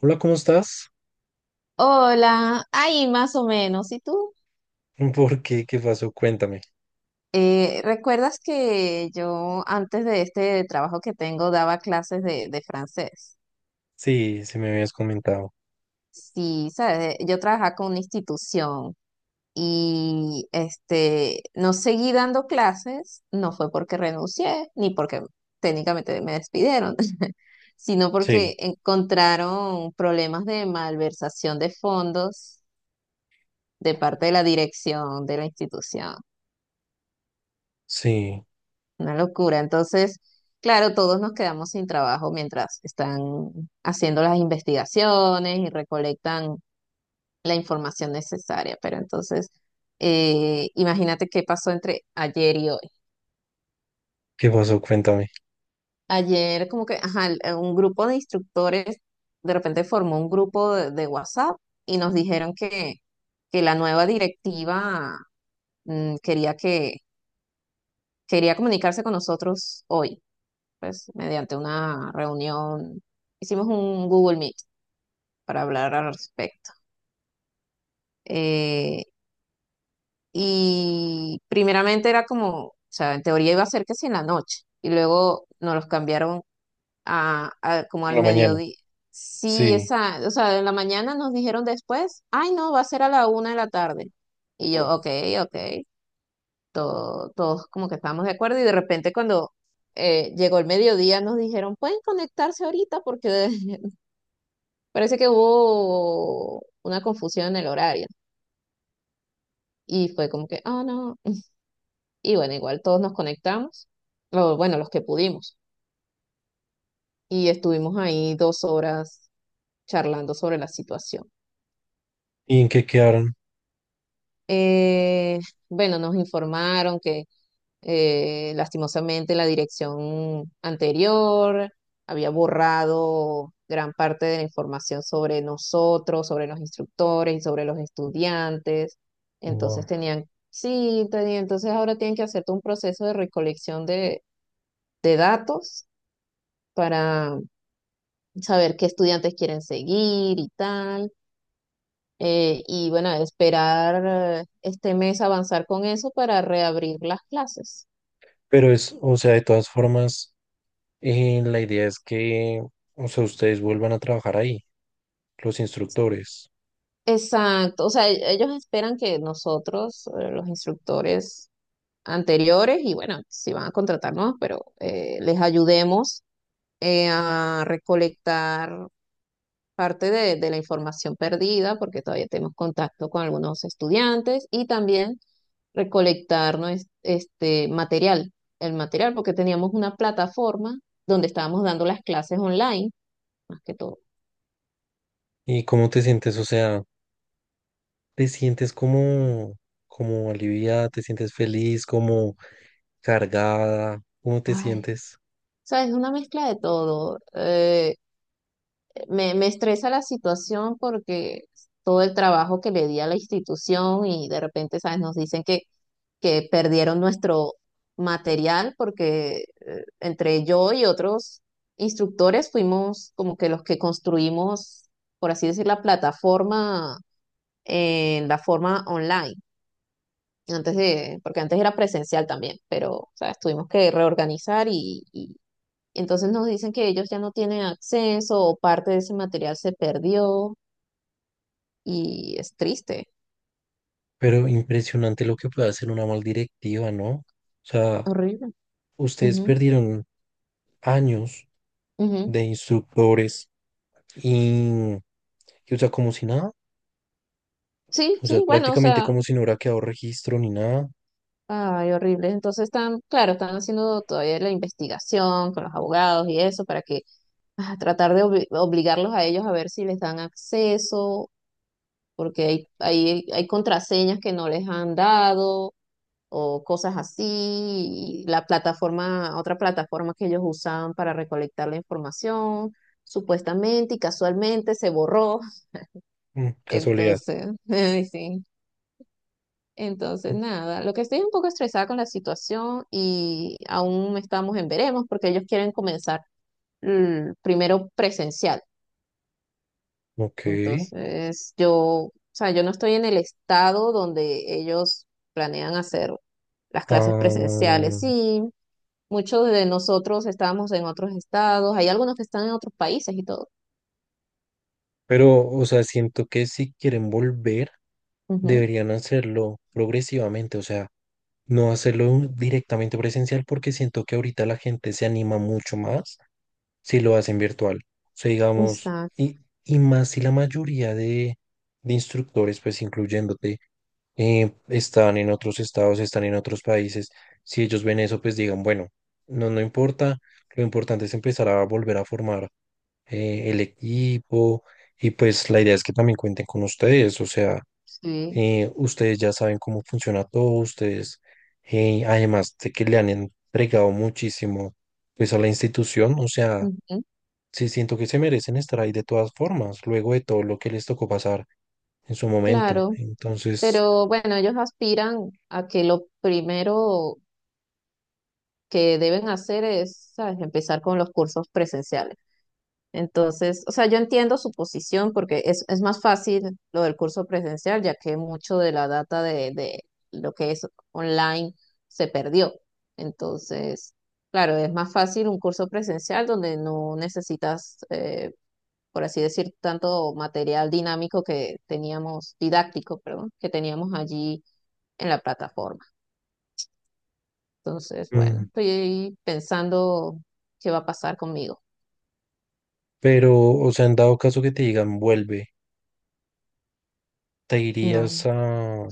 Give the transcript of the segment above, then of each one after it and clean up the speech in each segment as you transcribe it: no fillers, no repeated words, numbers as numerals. Hola, ¿cómo estás? Hola, ahí más o menos. ¿Y tú? ¿Por qué? ¿Qué pasó? Cuéntame. ¿Recuerdas que yo antes de este trabajo que tengo daba clases de francés? Sí, me habías comentado. Sí, sabes. Yo trabajaba con una institución y no seguí dando clases, no fue porque renuncié, ni porque técnicamente me despidieron, sino Sí, porque encontraron problemas de malversación de fondos de parte de la dirección de la institución. sí. Una locura. Entonces, claro, todos nos quedamos sin trabajo mientras están haciendo las investigaciones y recolectan la información necesaria. Pero entonces, imagínate qué pasó entre ayer y hoy. ¿Qué pasó? Cuéntame. Ayer como que, ajá, un grupo de instructores de repente formó un grupo de WhatsApp y nos dijeron que la nueva directiva, mm, quería que, quería comunicarse con nosotros hoy pues mediante una reunión. Hicimos un Google Meet para hablar al respecto. Eh, y primeramente era como, o sea, en teoría iba a ser que si en la noche, y luego nos los cambiaron a como Por al la mañana. mediodía. Sí, Sí. esa, o sea, en la mañana nos dijeron después, ay no, va a ser a la 1 de la tarde. Y yo, Mm. ok, ok, todos como que estábamos de acuerdo y de repente cuando llegó el mediodía nos dijeron, pueden conectarse ahorita porque Parece que hubo una confusión en el horario y fue como que, ah, no. Y bueno, igual todos nos conectamos, o bueno, los que pudimos, y estuvimos ahí 2 horas charlando sobre la situación. ¿Y en qué quedaron? Eh, bueno, nos informaron que lastimosamente, la dirección anterior había borrado gran parte de la información sobre nosotros, sobre los instructores y sobre los estudiantes. Entonces Wow. tenían, sí, entonces ahora tienen que hacer todo un proceso de recolección de datos para saber qué estudiantes quieren seguir y tal. Y bueno, esperar este mes avanzar con eso para reabrir las clases. Pero es, o sea, de todas formas, la idea es que, o sea, ustedes vuelvan a trabajar ahí, los instructores. Exacto, o sea, ellos esperan que nosotros, los instructores anteriores, y bueno, si van a contratarnos, pero les ayudemos a recolectar parte de la información perdida, porque todavía tenemos contacto con algunos estudiantes, y también recolectar el material, porque teníamos una plataforma donde estábamos dando las clases online, más que todo. ¿Y cómo te sientes? O sea, ¿te sientes como, como aliviada? ¿Te sientes feliz? ¿Como cargada? ¿Cómo te Ay, sientes? sabes, una mezcla de todo. Me estresa la situación porque todo el trabajo que le di a la institución y de repente, ¿sabes? Nos dicen que perdieron nuestro material porque entre yo y otros instructores fuimos como que los que construimos, por así decir, la plataforma en la forma online. Porque antes era presencial también, pero, ¿sabes? Tuvimos que reorganizar y entonces nos dicen que ellos ya no tienen acceso o parte de ese material se perdió y es triste, Pero impresionante lo que puede hacer una mal directiva, ¿no? O sea, horrible. ustedes Ujú, perdieron años ujú. de instructores y, y, o sea, como si nada. Sí, O sea, sí, bueno, o prácticamente sea, como si no hubiera quedado registro ni nada. ay, horrible. Entonces están, claro, están haciendo todavía la investigación con los abogados y eso para que tratar de obligarlos a ellos a ver si les dan acceso, porque hay contraseñas que no les han dado o cosas así, y la plataforma, otra plataforma que ellos usaban para recolectar la información, supuestamente y casualmente se borró. Mm, casualidad. Entonces, ay, sí. Entonces, nada, lo que estoy un poco estresada con la situación y aún estamos en veremos porque ellos quieren comenzar primero presencial. Ok. Entonces, yo, o sea, yo no estoy en el estado donde ellos planean hacer las clases presenciales. Ah, Sí, muchos de nosotros estábamos en otros estados, hay algunos que están en otros países y todo. pero, o sea, siento que si quieren volver, Ujú, deberían hacerlo progresivamente. O sea, no hacerlo directamente presencial porque siento que ahorita la gente se anima mucho más si lo hacen virtual. O sea, digamos, exacto, y más si la mayoría de instructores, pues incluyéndote, están en otros estados, están en otros países, si ellos ven eso, pues digan, bueno, no, no importa, lo importante es empezar a volver a formar el equipo y pues la idea es que también cuenten con ustedes, o sea, sí. Ustedes ya saben cómo funciona todo, ustedes, además de que le han entregado muchísimo pues a la institución, o sea. Ujú, Sí, siento que se merecen estar ahí de todas formas, luego de todo lo que les tocó pasar en su momento. claro, Entonces, pero bueno, ellos aspiran a que lo primero que deben hacer es, ¿sabes?, empezar con los cursos presenciales. Entonces, o sea, yo entiendo su posición porque es más fácil lo del curso presencial, ya que mucho de la data de lo que es online se perdió. Entonces, claro, es más fácil un curso presencial donde no necesitas, por así decir, tanto material dinámico que teníamos, didáctico, perdón, que teníamos allí en la plataforma. Entonces, bueno, mm, estoy ahí pensando qué va a pasar conmigo. pero, o sea, en dado caso que te digan vuelve, ¿te irías No. a...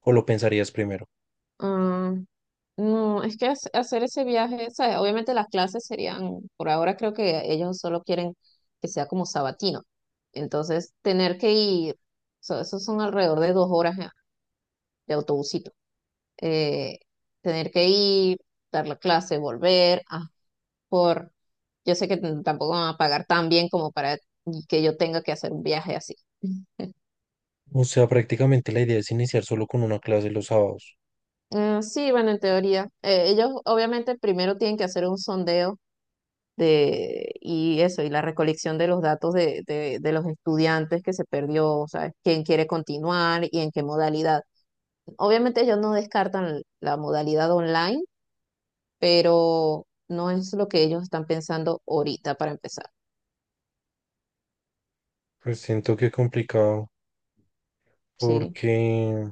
o lo pensarías primero? ah, no, es que hacer ese viaje, ¿sabes? Obviamente las clases serían, por ahora creo que ellos solo quieren que sea como sabatino. Entonces, tener que ir, esos son alrededor de 2 horas de autobusito. Eh, tener que ir, dar la clase, volver, por, yo sé que tampoco van a pagar tan bien como para que yo tenga que hacer un viaje así. O sea, prácticamente la idea es iniciar solo con una clase los sábados. Sí, bueno, en teoría. Ellos obviamente primero tienen que hacer un sondeo de, y eso, y la recolección de los datos de, de los estudiantes que se perdió, o sea, quién quiere continuar y en qué modalidad. Obviamente ellos no descartan la modalidad online, pero no es lo que ellos están pensando ahorita para empezar. Pues siento que complicado, Sí, porque, o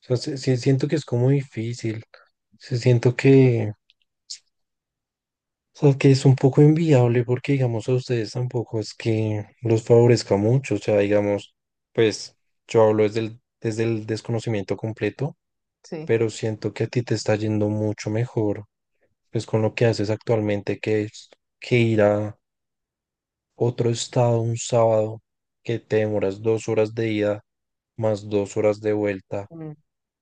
sea, sí siento que es como difícil. Sí siento que... O sea, que es un poco inviable porque, digamos, a ustedes tampoco es que los favorezca mucho. O sea, digamos, pues yo hablo desde el desconocimiento completo, sí, pero siento que a ti te está yendo mucho mejor, pues con lo que haces actualmente, que es que ir a otro estado un sábado, que te demoras 2 horas de ida más 2 horas de vuelta, mm,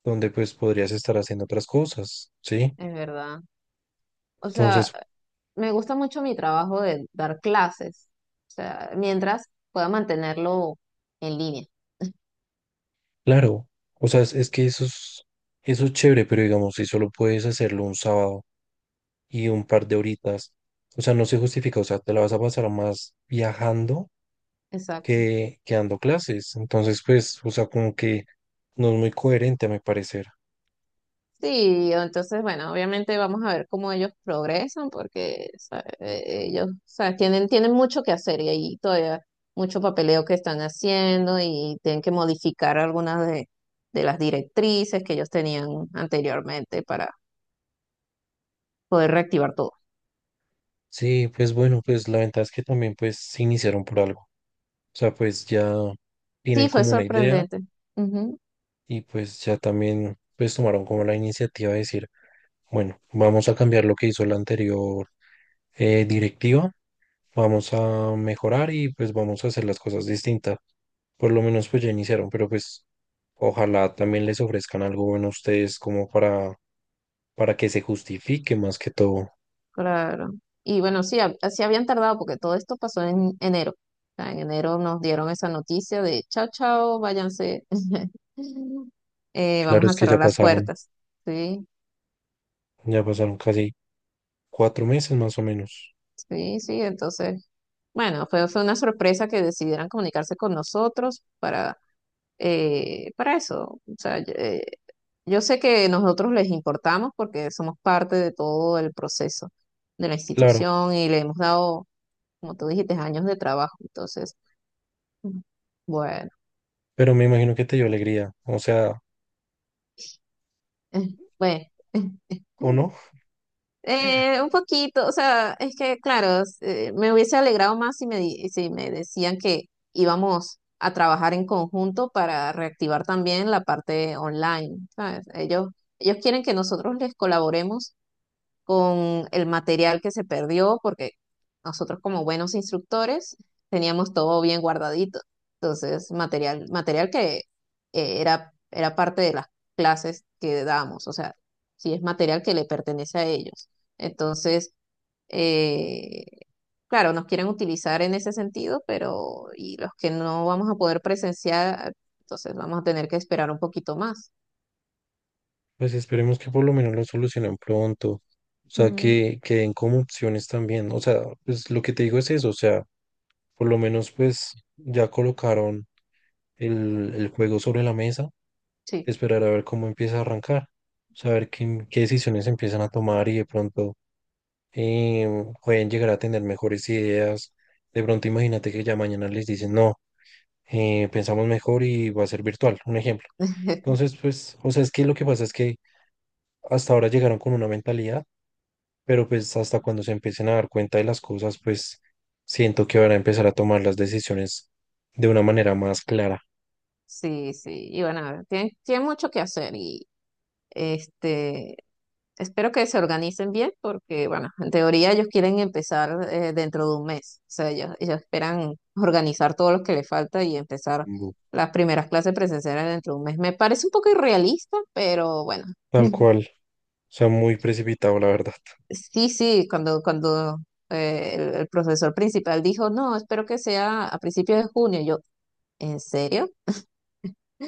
donde pues podrías estar haciendo otras cosas, ¿sí? es verdad. O sea, Entonces, me gusta mucho mi trabajo de dar clases, o sea, mientras pueda mantenerlo en línea. claro, o sea, es que eso es chévere, pero digamos, si solo puedes hacerlo un sábado y un par de horitas, o sea, no se justifica, o sea, te la vas a pasar más viajando Exacto. Que dando clases. Entonces, pues, o sea, como que no es muy coherente a mi parecer. Sí, entonces, bueno, obviamente vamos a ver cómo ellos progresan, porque ¿sabes? Ellos, ¿sabes? Tienen mucho que hacer y ahí todavía mucho papeleo que están haciendo y tienen que modificar algunas de las directrices que ellos tenían anteriormente para poder reactivar todo. Sí, pues bueno, pues la ventaja es que también pues se iniciaron por algo. O sea, pues ya tienen Sí, fue como una idea, sorprendente. Ujú, y pues ya también pues tomaron como la iniciativa de decir, bueno, vamos a cambiar lo que hizo la anterior directiva, vamos a mejorar y pues vamos a hacer las cosas distintas. Por lo menos pues ya iniciaron, pero pues ojalá también les ofrezcan algo bueno a ustedes como para que se justifique más que todo. claro. Y bueno, sí, así habían tardado porque todo esto pasó en enero. O sea, en enero nos dieron esa noticia de chao, chao, váyanse, Claro, vamos a es que cerrar las puertas. Sí, ya pasaron casi 4 meses más o menos. sí, sí. Entonces, bueno, fue una sorpresa que decidieran comunicarse con nosotros para eso. O sea, yo sé que nosotros les importamos porque somos parte de todo el proceso de la Claro, institución y le hemos dado, como tú dijiste, años de trabajo. Entonces, bueno, pero me imagino que te dio alegría, o sea, bueno. ¿o no? Un poquito, o sea, es que claro, me hubiese alegrado más si me, si me decían que íbamos a trabajar en conjunto para reactivar también la parte online, ¿sabes? Ellos quieren que nosotros les colaboremos con el material que se perdió, porque nosotros como buenos instructores teníamos todo bien guardadito. Entonces, material, material que era parte de las clases que damos, o sea, si es material que le pertenece a ellos. Entonces, eh, claro, nos quieren utilizar en ese sentido, pero y los que no vamos a poder presenciar, entonces vamos a tener que esperar un poquito más. Pues esperemos que por lo menos lo solucionen pronto. O sea, Ujú, que den como opciones también. O sea, pues lo que te digo es eso. O sea, por lo menos pues ya colocaron el juego sobre la mesa. sí. Esperar a ver cómo empieza a arrancar. Saber qué, qué decisiones empiezan a tomar y de pronto eh, pueden llegar a tener mejores ideas. De pronto imagínate que ya mañana les dicen, no, pensamos mejor y va a ser virtual. Un ejemplo. Entonces, pues, o sea, es que lo que pasa es que hasta ahora llegaron con una mentalidad, pero pues hasta cuando se empiecen a dar cuenta de las cosas, pues siento que van a empezar a tomar las decisiones de una manera más clara. Sí, sí, y bueno, tienen mucho que hacer. Este, espero que se organicen bien porque, bueno, en teoría ellos quieren empezar dentro de un mes. O sea, ellos esperan organizar todo lo que les falta y empezar Bu- las primeras clases presenciales dentro de un mes. Me parece un poco irrealista, pero bueno. Tal cual. O sea, muy precipitado, la verdad. Sí, sí, cuando el profesor principal dijo, no, espero que sea a principios de junio. Yo, ¿en serio?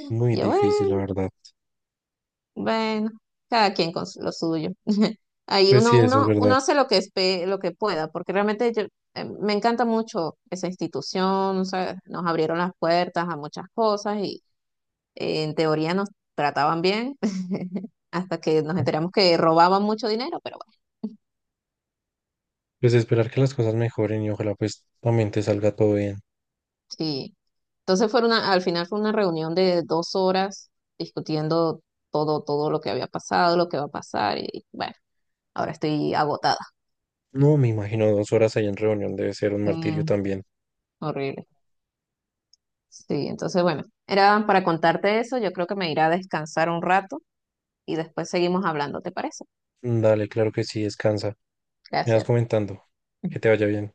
Muy Yo, difícil, la "Bueno, verdad. bueno, cada quien con lo suyo". Ahí Pues sí, uno, eso es uno, verdad. uno hace lo que pueda, porque realmente yo, me encanta mucho esa institución, o sea, nos abrieron las puertas a muchas cosas y en teoría nos trataban bien, hasta que nos ¿No? enteramos que robaban mucho dinero, pero bueno, Pues esperar que las cosas mejoren y ojalá pues también te salga todo bien. sí. Entonces fue una, al final fue una reunión de 2 horas discutiendo todo, todo lo que había pasado, lo que va a pasar, y bueno, ahora estoy agotada. No, me imagino 2 horas ahí en reunión debe ser un martirio Mm, también. horrible. Sí, entonces bueno, era para contarte eso. Yo creo que me iré a descansar un rato y después seguimos hablando, ¿te parece? Dale, claro que sí, descansa. Me vas Gracias. comentando. Que te vaya bien.